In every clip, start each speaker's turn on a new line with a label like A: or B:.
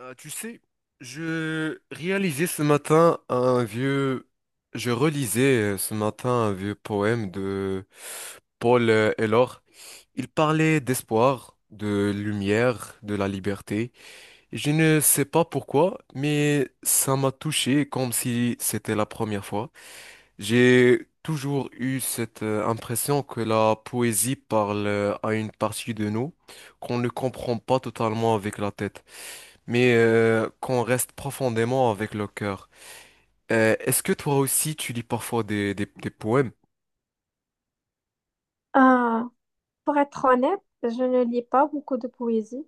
A: Tu sais, je réalisais ce matin un vieux, je relisais ce matin un vieux poème de Paul Elor. Il parlait d'espoir, de lumière, de la liberté. Et je ne sais pas pourquoi, mais ça m'a touché comme si c'était la première fois. J'ai toujours eu cette impression que la poésie parle à une partie de nous qu'on ne comprend pas totalement avec la tête mais qu'on reste profondément avec le cœur. Est-ce que toi aussi tu lis parfois des poèmes?
B: Euh, pour être honnête, je ne lis pas beaucoup de poésie.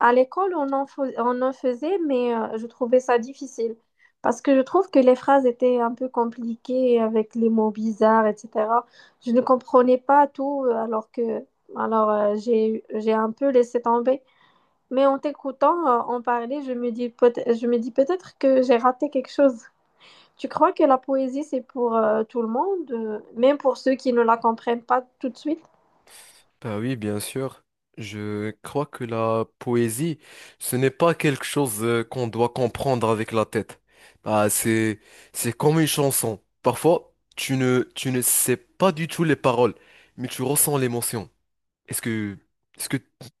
B: À l'école, on en faisait, mais je trouvais ça difficile parce que je trouve que les phrases étaient un peu compliquées avec les mots bizarres, etc. Je ne comprenais pas tout, alors que alors j'ai un peu laissé tomber. Mais en t'écoutant en parler, je me dis peut-être que j'ai raté quelque chose. Tu crois que la poésie, c'est pour tout le monde, même pour ceux qui ne la comprennent pas tout de suite?
A: Bah oui, bien sûr. Je crois que la poésie, ce n'est pas quelque chose qu'on doit comprendre avec la tête. Bah, c'est comme une chanson. Parfois, tu ne sais pas du tout les paroles, mais tu ressens l'émotion. Est-ce que, est-ce que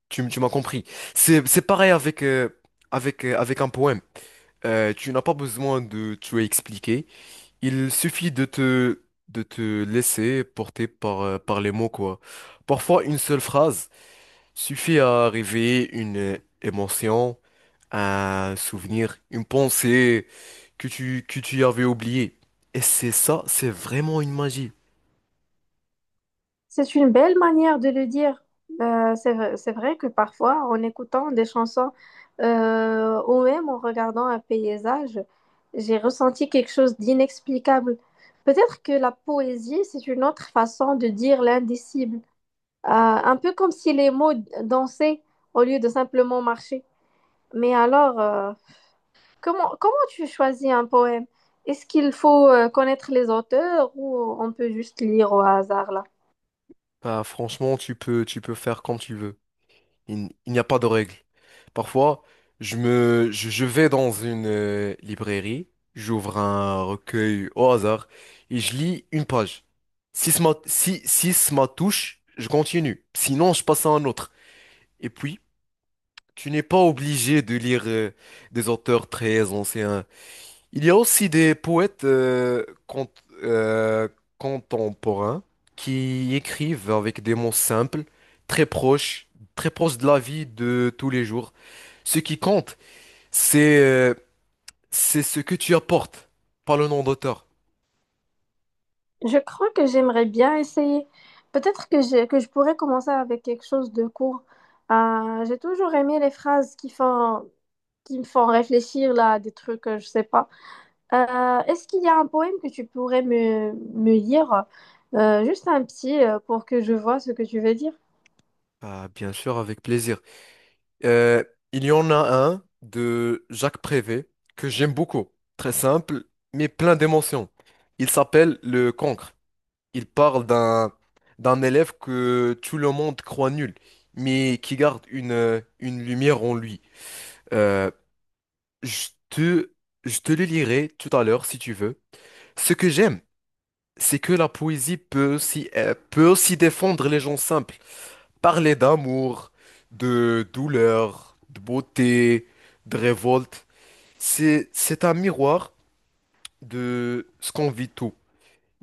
A: tu m'as compris? C'est pareil avec un poème. Tu n'as pas besoin de tout expliquer. Il suffit de te laisser porter par les mots, quoi. Parfois, une seule phrase suffit à réveiller une émotion, un souvenir, une pensée que tu avais oubliée. Et c'est ça, c'est vraiment une magie.
B: C'est une belle manière de le dire. C'est vrai, c'est vrai que parfois, en écoutant des chansons ou même en regardant un paysage, j'ai ressenti quelque chose d'inexplicable. Peut-être que la poésie, c'est une autre façon de dire l'indicible. Un peu comme si les mots dansaient au lieu de simplement marcher. Mais alors, comment tu choisis un poème? Est-ce qu'il faut connaître les auteurs ou on peut juste lire au hasard là?
A: Bah, franchement, tu peux faire comme tu veux. Il n'y a pas de règle. Parfois, je vais dans une librairie, j'ouvre un recueil au hasard et je lis une page. Si, si ça m'a touche, je continue. Sinon, je passe à un autre. Et puis, tu n'es pas obligé de lire des auteurs très anciens. Il y a aussi des poètes euh, contemporains qui écrivent avec des mots simples, très proches, très proches de la vie de tous les jours. Ce qui compte, c'est euh, c'est ce que tu apportes, pas le nom d'auteur.
B: Je crois que j'aimerais bien essayer. Peut-être que je pourrais commencer avec quelque chose de court. J'ai toujours aimé les phrases qui me font réfléchir là, à des trucs, je sais pas. Est-ce qu'il y a un poème que tu pourrais me lire? Juste un petit pour que je vois ce que tu veux dire.
A: Ah, bien sûr, avec plaisir. Euh, il y en a un de Jacques Prévert que j'aime beaucoup. Très simple, mais plein d'émotions. Il s'appelle Le Cancre. Il parle d'un élève que tout le monde croit nul, mais qui garde une lumière en lui. Euh, je te, je te le lirai tout à l'heure si tu veux. Ce que j'aime, c'est que la poésie peut aussi défendre les gens simples, parler d'amour, de douleur, de beauté, de révolte. C'est un miroir de ce qu'on vit tout,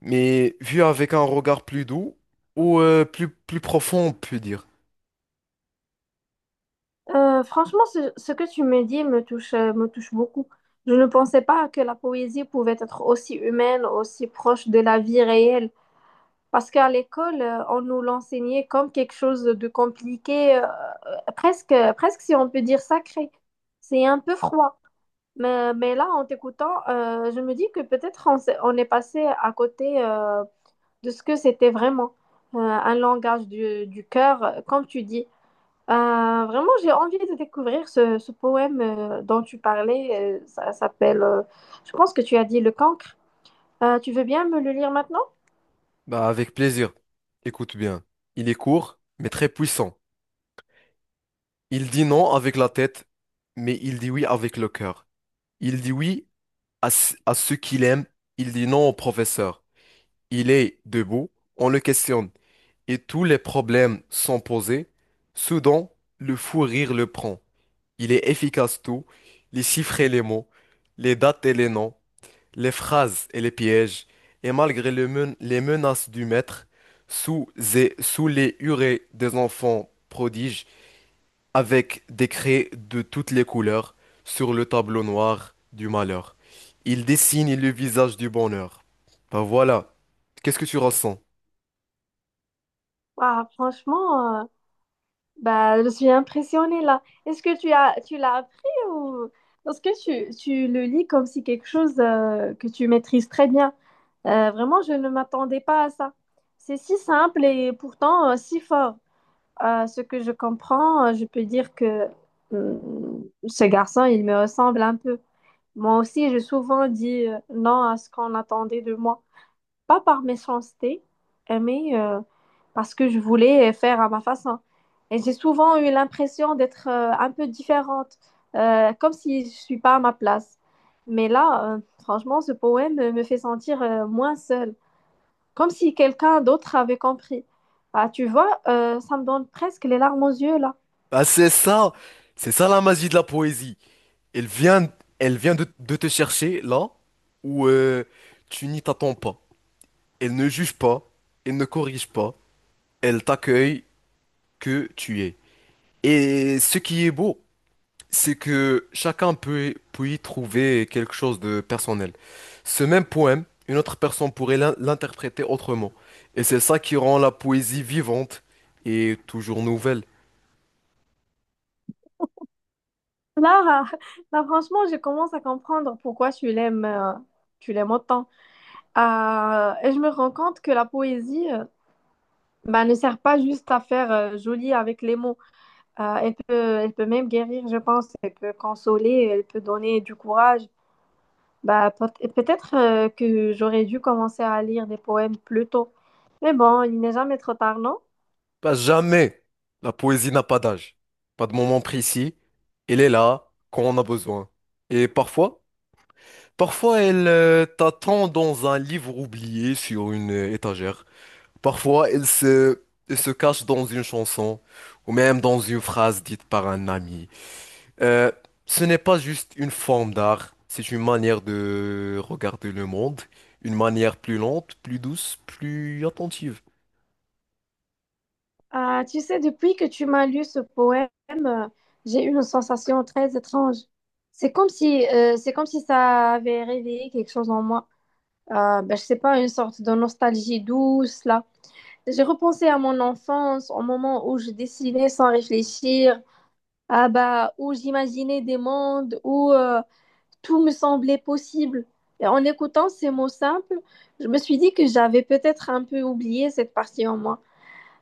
A: mais vu avec un regard plus doux ou plus profond, on peut dire.
B: Franchement, ce que tu me dis me touche beaucoup. Je ne pensais pas que la poésie pouvait être aussi humaine, aussi proche de la vie réelle. Parce qu'à l'école, on nous l'enseignait comme quelque chose de compliqué, presque si on peut dire sacré. C'est un peu froid. Mais là, en t'écoutant, je me dis que peut-être on est passé à côté de ce que c'était vraiment. Un langage du cœur, comme tu dis. Vraiment, j'ai envie de découvrir ce poème dont tu parlais. Je pense que tu as dit Le Cancre. Tu veux bien me le lire maintenant?
A: Bah, avec plaisir. Écoute bien. Il est court, mais très puissant. Il dit non avec la tête, mais il dit oui avec le cœur. Il dit oui à ce qu'il aime, il dit non au professeur. Il est debout, on le questionne, et tous les problèmes sont posés. Soudain, le fou rire le prend. Il est efficace tout, les chiffres et les mots, les dates et les noms, les phrases et les pièges, et malgré les menaces du maître, sous, sous les hurées des enfants prodiges, avec des craies de toutes les couleurs, sur le tableau noir du malheur, il dessine le visage du bonheur. Ben voilà, qu'est-ce que tu ressens?
B: Ah, franchement, euh, Bah, je suis impressionnée là. Est-ce que tu as, Tu l'as appris ou parce que tu le lis comme si quelque chose que tu maîtrises très bien. Vraiment, je ne m'attendais pas à ça. C'est si simple et pourtant si fort. Ce que je comprends, je peux dire que euh, ce garçon, il me ressemble un peu. Moi aussi, j'ai souvent dit non à ce qu'on attendait de moi, pas par méchanceté, euh, mais euh, parce que je voulais faire à ma façon. Et j'ai souvent eu l'impression d'être un peu différente, comme si je suis pas à ma place. Mais là, franchement, ce poème me fait sentir moins seule, comme si quelqu'un d'autre avait compris. Bah, tu vois, ça me donne presque les larmes aux yeux là.
A: Ah c'est ça la magie de la poésie. Elle vient, Elle vient de te chercher là où tu n'y t'attends pas. Elle ne juge pas, elle ne corrige pas. Elle t'accueille que tu es. Et ce qui est beau, c'est que chacun peut y trouver quelque chose de personnel. Ce même poème, une autre personne pourrait l'interpréter autrement. Et c'est ça qui rend la poésie vivante et toujours nouvelle.
B: Là, là, franchement, je commence à comprendre pourquoi tu l'aimes autant. Ah, et je me rends compte que la poésie, ben, ne sert pas juste à faire joli avec les mots. Euh, elle peut, Elle peut même guérir, je pense. Elle peut consoler, elle peut donner du courage. Peut-être que j'aurais dû commencer à lire des poèmes plus tôt. Mais bon, il n'est jamais trop tard, non?
A: Pas jamais. La poésie n'a pas d'âge, pas de moment précis. Elle est là quand on a besoin. Et parfois, parfois elle t'attend dans un livre oublié sur une étagère. Parfois, elle se cache dans une chanson ou même dans une phrase dite par un ami. Euh, ce n'est pas juste une forme d'art, c'est une manière de regarder le monde, une manière plus lente, plus douce, plus attentive.
B: Ah, tu sais, depuis que tu m'as lu ce poème, j'ai eu une sensation très étrange. C'est comme si ça avait réveillé quelque chose en moi. Ben, je sais pas, une sorte de nostalgie douce, là. J'ai repensé à mon enfance, au moment où je dessinais sans réfléchir, ah bah, où j'imaginais des mondes où tout me semblait possible. Et en écoutant ces mots simples, je me suis dit que j'avais peut-être un peu oublié cette partie en moi.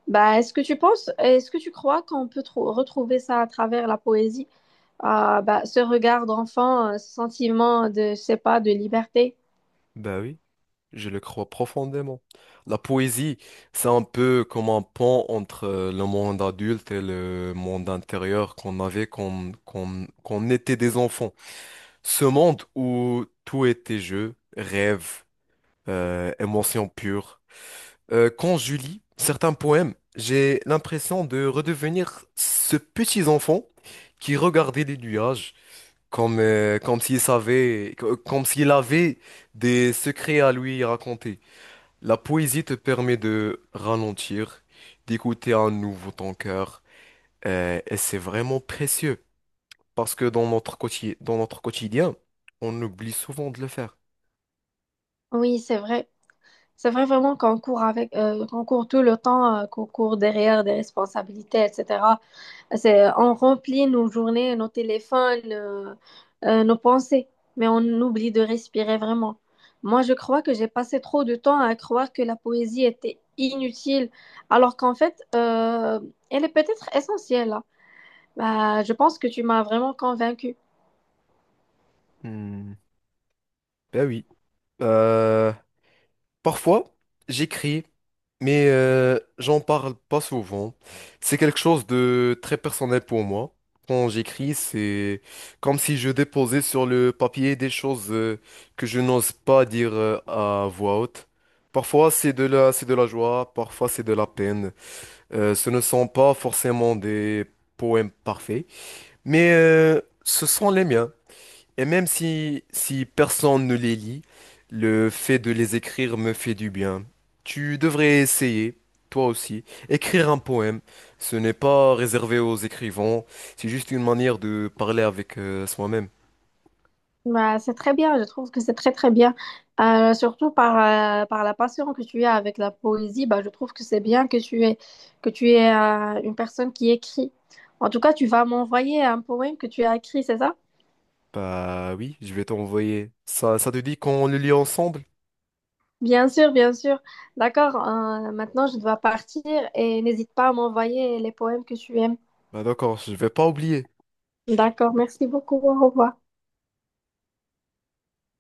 B: Est-ce que tu crois qu'on peut retrouver ça à travers la poésie? Ah bah, ce regard d'enfant, ce sentiment de, je sais pas, de liberté.
A: Ben oui, je le crois profondément. La poésie, c'est un peu comme un pont entre le monde adulte et le monde intérieur qu'on avait quand on était des enfants. Ce monde où tout était jeu, rêve, émotion pure. Quand je lis certains poèmes, j'ai l'impression de redevenir ce petit enfant qui regardait les nuages comme s'il savait, comme s'il avait des secrets à lui raconter. La poésie te permet de ralentir, d'écouter à nouveau ton cœur, et c'est vraiment précieux parce que dans notre quotidien, on oublie souvent de le faire.
B: Oui, c'est vrai. C'est vrai vraiment qu'on court tout le temps, qu'on court derrière des responsabilités, etc. On remplit nos journées, nos téléphones, nos pensées, mais on oublie de respirer vraiment. Moi, je crois que j'ai passé trop de temps à croire que la poésie était inutile, alors qu'en fait, elle est peut-être essentielle, hein. Bah, je pense que tu m'as vraiment convaincue.
A: Hmm. Ben oui. Euh, Parfois, j'écris, mais j'en parle pas souvent. C'est quelque chose de très personnel pour moi. Quand j'écris, c'est comme si je déposais sur le papier des choses que je n'ose pas dire à voix haute. Parfois, c'est de la joie, parfois, c'est de la peine. Ce ne sont pas forcément des poèmes parfaits, mais ce sont les miens. Et même si, si personne ne les lit, le fait de les écrire me fait du bien. Tu devrais essayer, toi aussi, écrire un poème. Ce n'est pas réservé aux écrivains, c'est juste une manière de parler avec soi-même.
B: Bah, c'est très bien, je trouve que c'est très très bien. Par la passion que tu as avec la poésie, bah, je trouve que c'est bien que tu es une personne qui écrit. En tout cas, tu vas m'envoyer un poème que tu as écrit, c'est ça?
A: Bah oui, je vais t'envoyer. Ça te dit qu'on le lit ensemble?
B: Bien sûr, bien sûr. D'accord, maintenant je dois partir et n'hésite pas à m'envoyer les poèmes que tu aimes.
A: Bah d'accord, je vais pas oublier.
B: D'accord, merci beaucoup, au revoir.